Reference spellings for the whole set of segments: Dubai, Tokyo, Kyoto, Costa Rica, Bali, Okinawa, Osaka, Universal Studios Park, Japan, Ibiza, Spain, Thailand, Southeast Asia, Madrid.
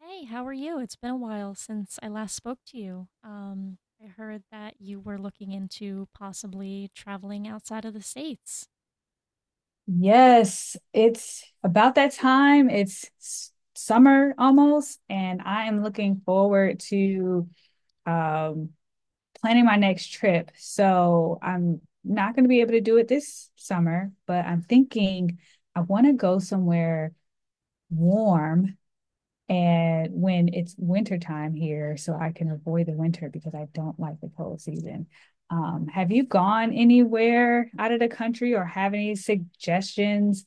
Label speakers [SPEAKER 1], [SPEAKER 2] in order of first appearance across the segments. [SPEAKER 1] Hey, how are you? It's been a while since I last spoke to you. I heard that you were looking into possibly traveling outside of the States.
[SPEAKER 2] Yes, it's about that time. It's summer almost, and I am looking forward to um, planning my next trip. So I'm not going to be able to do it this summer, but I'm thinking I want to go somewhere warm and when it's winter time here, so I can avoid the winter because I don't like the cold season. Have you gone anywhere out of the country or have any suggestions?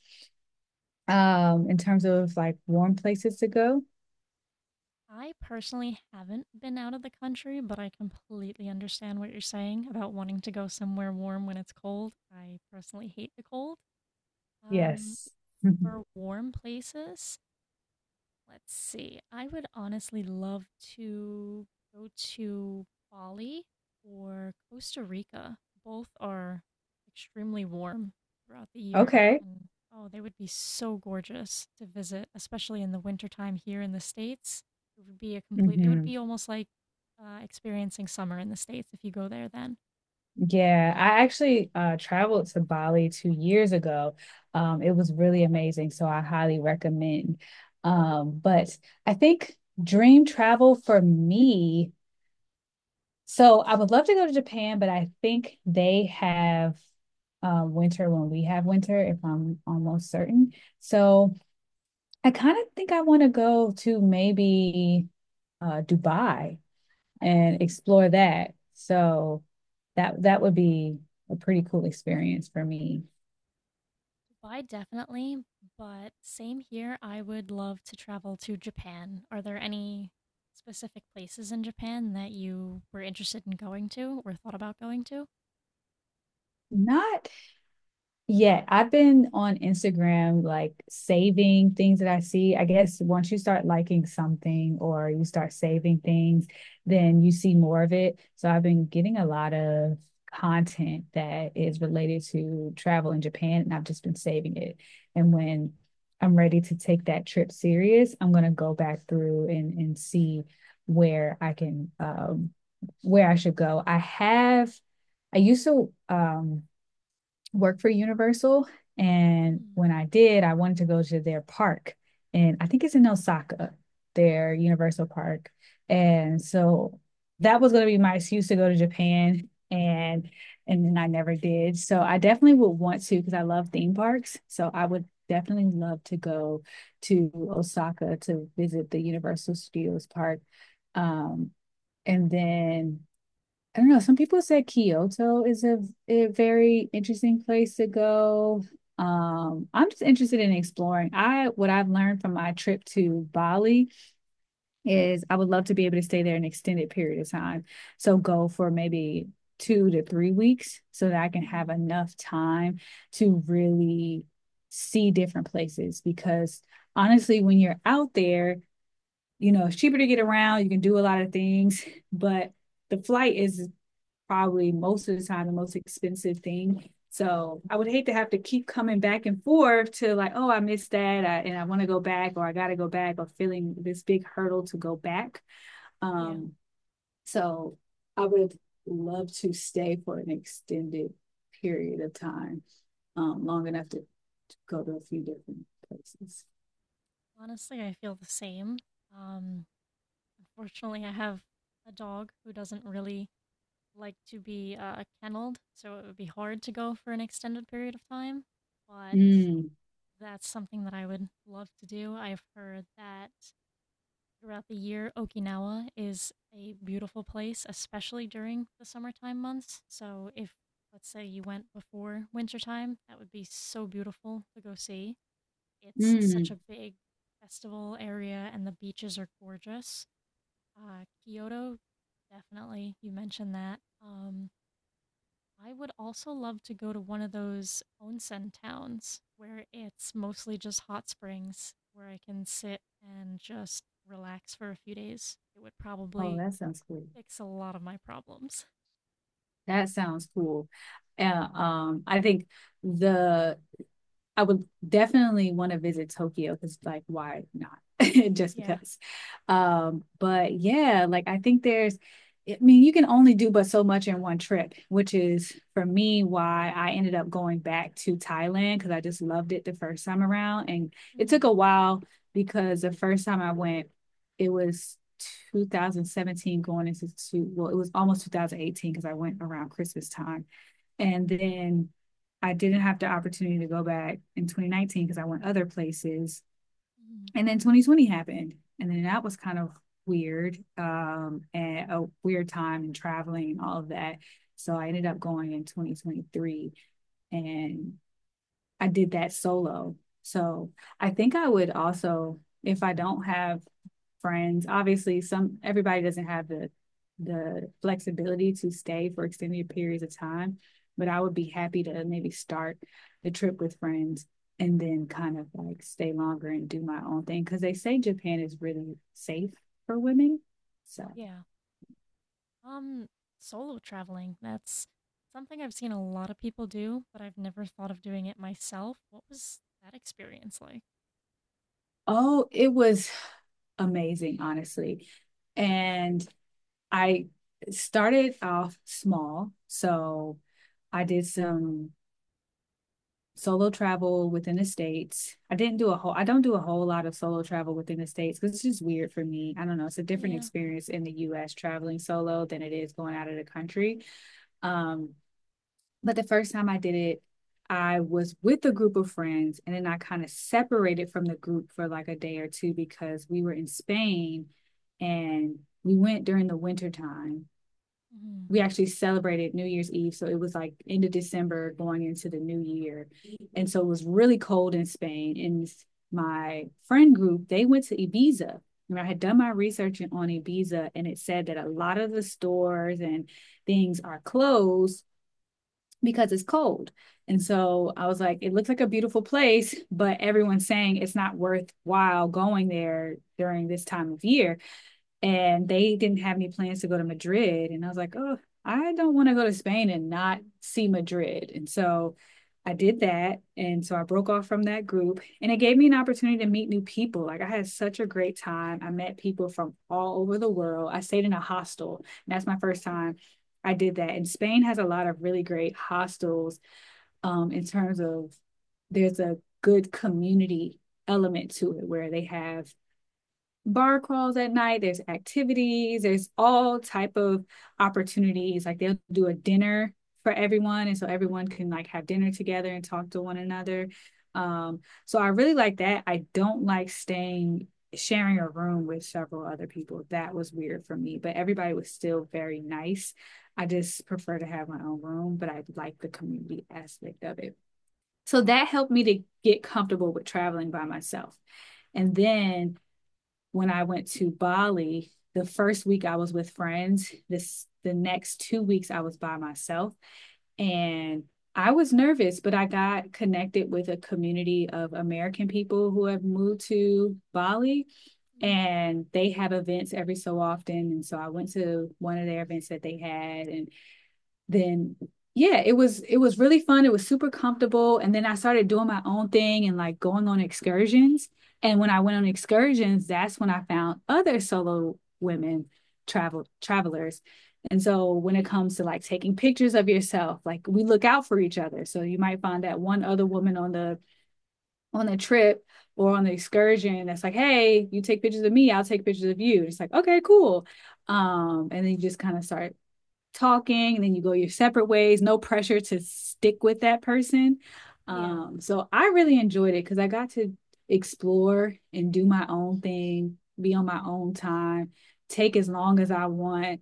[SPEAKER 2] In terms of like warm places to go.
[SPEAKER 1] I personally haven't been out of the country, but I completely understand what you're saying about wanting to go somewhere warm when it's cold. I personally hate the cold. Um,
[SPEAKER 2] Yes. Mhm.
[SPEAKER 1] for warm places, let's see. I would honestly love to go to Bali or Costa Rica. Both are extremely warm throughout the year.
[SPEAKER 2] Okay.
[SPEAKER 1] And oh, they would be so gorgeous to visit, especially in the wintertime here in the States. It would be a complete, it would
[SPEAKER 2] Hmm.
[SPEAKER 1] be almost like experiencing summer in the States if you go there then.
[SPEAKER 2] Yeah, I actually traveled to Bali 2 years ago. It was really amazing, so I highly recommend. But I think dream travel for me, so I would love to go to Japan, but I think they have winter when we have winter, if I'm almost certain. So I kind of think I want to go to maybe Dubai and explore that. So that would be a pretty cool experience for me.
[SPEAKER 1] Why, definitely, but same here. I would love to travel to Japan. Are there any specific places in Japan that you were interested in going to or thought about going to?
[SPEAKER 2] Not. Yeah, I've been on Instagram, like, saving things that I see. I guess once you start liking something or you start saving things, then you see more of it. So I've been getting a lot of content that is related to travel in Japan, and I've just been saving it. And when I'm ready to take that trip serious, I'm gonna go back through and see where I can where I should go. I used to work for Universal. And
[SPEAKER 1] Mhm.
[SPEAKER 2] when I did, I wanted to go to their park. And I think it's in Osaka, their Universal Park. And so that was going to be my excuse to go to Japan. And then I never did. So I definitely would want to because I love theme parks. So I would definitely love to go to Osaka to visit the Universal Studios Park. Um, and then I don't know. Some people said Kyoto is a very interesting place to go. I'm just interested in exploring. I What I've learned from my trip to Bali is I would love to be able to stay there an extended period of time. So go for maybe 2 to 3 weeks so that I can have
[SPEAKER 1] Mm.
[SPEAKER 2] enough time to really see different places. Because honestly, when you're out there, you know, it's cheaper to get around, you can do a lot of things, but the flight is probably most of the time the most expensive thing. So I would hate to have to keep coming back and forth to like, oh, I missed that, and I want to go back, or I got to go back, or feeling this big hurdle to go back.
[SPEAKER 1] Yeah.
[SPEAKER 2] Um, so I would love to stay for an extended period of time, long enough to go to a few different places.
[SPEAKER 1] Honestly, I feel the same. Um, unfortunately, I have a dog who doesn't really like to be kenneled, so it would be hard to go for an extended period of time. But
[SPEAKER 2] Mm,
[SPEAKER 1] that's something that I would love to do. I've heard that throughout the year. Okinawa is a beautiful place, especially during the summertime months. So if let's say you went before wintertime, that would be so beautiful to go see. It's such
[SPEAKER 2] mm.
[SPEAKER 1] a big festival area and the beaches are gorgeous. Kyoto, definitely. You mentioned that. I would also love to go to one of those onsen towns where it's mostly just hot springs where I can sit and just relax for a few days. It would
[SPEAKER 2] Oh,
[SPEAKER 1] probably
[SPEAKER 2] that sounds cool.
[SPEAKER 1] fix a lot of my problems.
[SPEAKER 2] That sounds cool. I think the I would definitely want to visit Tokyo because, like, why not? Just
[SPEAKER 1] Yeah.
[SPEAKER 2] because. But yeah, like, I think I mean, you can only do but so much in one trip, which is for me why I ended up going back to Thailand because I just loved it the first time around. And it took
[SPEAKER 1] Mhm.
[SPEAKER 2] a while because the first time I went, it was 2017 going into well, it was almost 2018 because I went around Christmas time. And then I didn't have the opportunity to go back in 2019 because I went other places.
[SPEAKER 1] Mhm.
[SPEAKER 2] And then 2020 happened. And then that was kind of weird and a weird time and traveling and all of that. So I ended up going in 2023 and I did that solo. So I think I would also, if I don't have friends, obviously some everybody doesn't have the flexibility to stay for extended periods of time, but I would be happy to maybe start the trip with friends and then kind of like stay longer and do my own thing because they say Japan is really safe for women. So,
[SPEAKER 1] Yeah. Um, solo traveling, that's something I've seen a lot of people do, but I've never thought of doing it myself. What was that experience like?
[SPEAKER 2] oh, it was amazing, honestly. And I started off small. So I did some solo travel within the states. I don't do a whole lot of solo travel within the states cuz it's just weird for me. I don't know, it's a different
[SPEAKER 1] Yeah.
[SPEAKER 2] experience in the US traveling solo than it is going out of the country. Um but the first time I did it I was with a group of friends and then I kind of separated from the group for like a day or two because we were in Spain and we went during the winter time.
[SPEAKER 1] Mhm.
[SPEAKER 2] We actually celebrated New Year's Eve. So it was like end of December going into the new year. And so it was really cold in Spain. And my friend group, they went to Ibiza. And I had done my research on Ibiza and it said that a lot of the stores and things are closed because it's cold. And so I was like, it looks like a beautiful place, but everyone's saying it's not worthwhile going there during this time of year, and they didn't have any plans to go to Madrid. And I was like, oh, I don't want to go to Spain and not see Madrid. And so I did that. And so I broke off from that group and it gave me an opportunity to meet new people. Like I had such a great time. I met people from all over the world. I stayed in a hostel. And that's my first time I did that. And Spain has a lot of really great hostels in terms of there's a good community element to it where they have bar crawls at night, there's activities, there's all type of opportunities, like they'll do a dinner for everyone and so everyone can like have dinner together and talk to one another. um so I really like that. I don't like staying sharing a room with several other people. That was weird for me, but everybody was still very nice. I just prefer to have my own room, but I like the community aspect of it. So that helped me to get comfortable with traveling by myself. And then when I went to Bali, the first week I was with friends, this the next 2 weeks I was by myself. And I was nervous, but I got connected with a community of American people who have moved to Bali
[SPEAKER 1] Mhm.
[SPEAKER 2] and they have events every so often. And so I went to one of their events that they had. And then yeah, it was really fun. It was super comfortable. And then I started doing my own thing and like going on excursions. And when I went on excursions, that's when I found other solo women travelers. And so when it comes to like taking pictures of yourself, like we look out for each other. So you might find that one other woman on the trip or on the excursion that's like, hey, you take pictures of me, I'll take pictures of you. It's like, okay, cool. And then you just kind of start talking and then you go your separate ways, no pressure to stick with that person.
[SPEAKER 1] Yeah.
[SPEAKER 2] So I really enjoyed it because I got to explore and do my own thing, be on my own time, take as long as I want.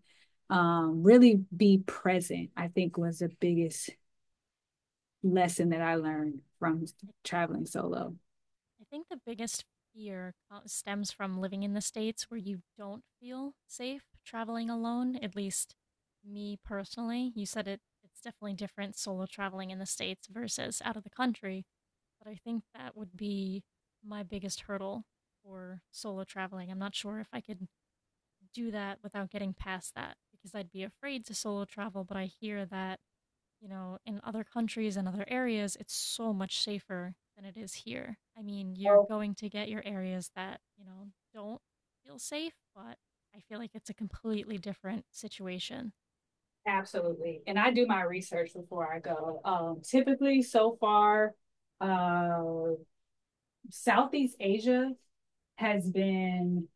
[SPEAKER 2] Really be present, I think, was the biggest lesson that I learned from
[SPEAKER 1] I
[SPEAKER 2] traveling solo.
[SPEAKER 1] I think the biggest fear stems from living in the States where you don't feel safe traveling alone, at least me personally. You said it's definitely different solo traveling in the States versus out of the country, but I think that would be my biggest hurdle for solo traveling. I'm not sure if I could do that without getting past that because I'd be afraid to solo travel, but I hear that you know, in other countries and other areas, it's so much safer than it is here. I mean, you're
[SPEAKER 2] Oh,
[SPEAKER 1] going to get your areas that, you know, don't feel safe, but I feel like it's a completely different situation,
[SPEAKER 2] absolutely. And I do my research before I go. Typically, so far, uh, Southeast Asia has been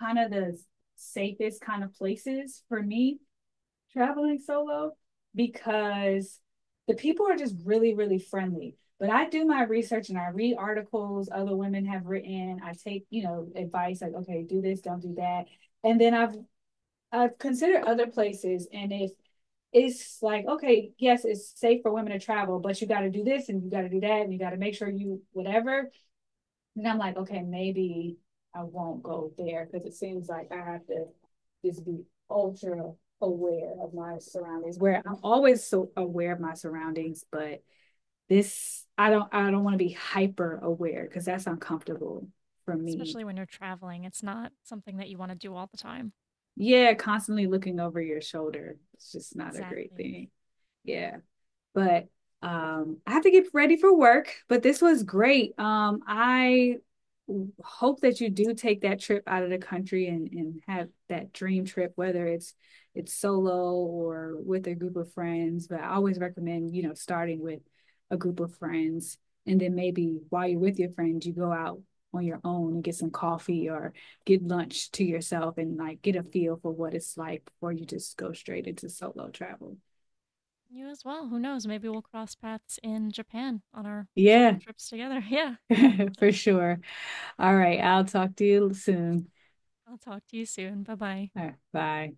[SPEAKER 2] kind of the safest kind of places for me traveling solo because the people are just really, really friendly. But I do my research and I read articles other women have written. I take, you know, advice like, okay, do this, don't do that. And then I've considered other places, and if it's like, okay, yes, it's safe for women to travel, but you gotta do this and you gotta do that and you gotta make sure you whatever, and I'm like, okay, maybe I won't go there because it seems like I have to just be ultra aware of my surroundings. Where I'm always so aware of my surroundings, but this I don't want to be hyper aware because that's uncomfortable for me.
[SPEAKER 1] especially when you're traveling. It's not something that you want to do all the time.
[SPEAKER 2] Yeah, constantly looking over your shoulder. It's just not a great
[SPEAKER 1] Exactly.
[SPEAKER 2] thing. Yeah. But I have to get ready for work. But this was great. I hope that you do take that trip out of the country and have that dream trip, whether it's solo or with a group of friends. But I always recommend, you know, starting with a group of friends. And then maybe while you're with your friends, you go out on your own and get some coffee or get lunch to yourself and like get a feel for what it's like before you just go straight into solo travel.
[SPEAKER 1] You as well. Who knows? Maybe we'll cross paths in Japan on our solo
[SPEAKER 2] Yeah.
[SPEAKER 1] trips together. Yeah.
[SPEAKER 2] For sure. All right. I'll talk to you soon.
[SPEAKER 1] I'll talk to you soon. Bye bye.
[SPEAKER 2] All right. Bye.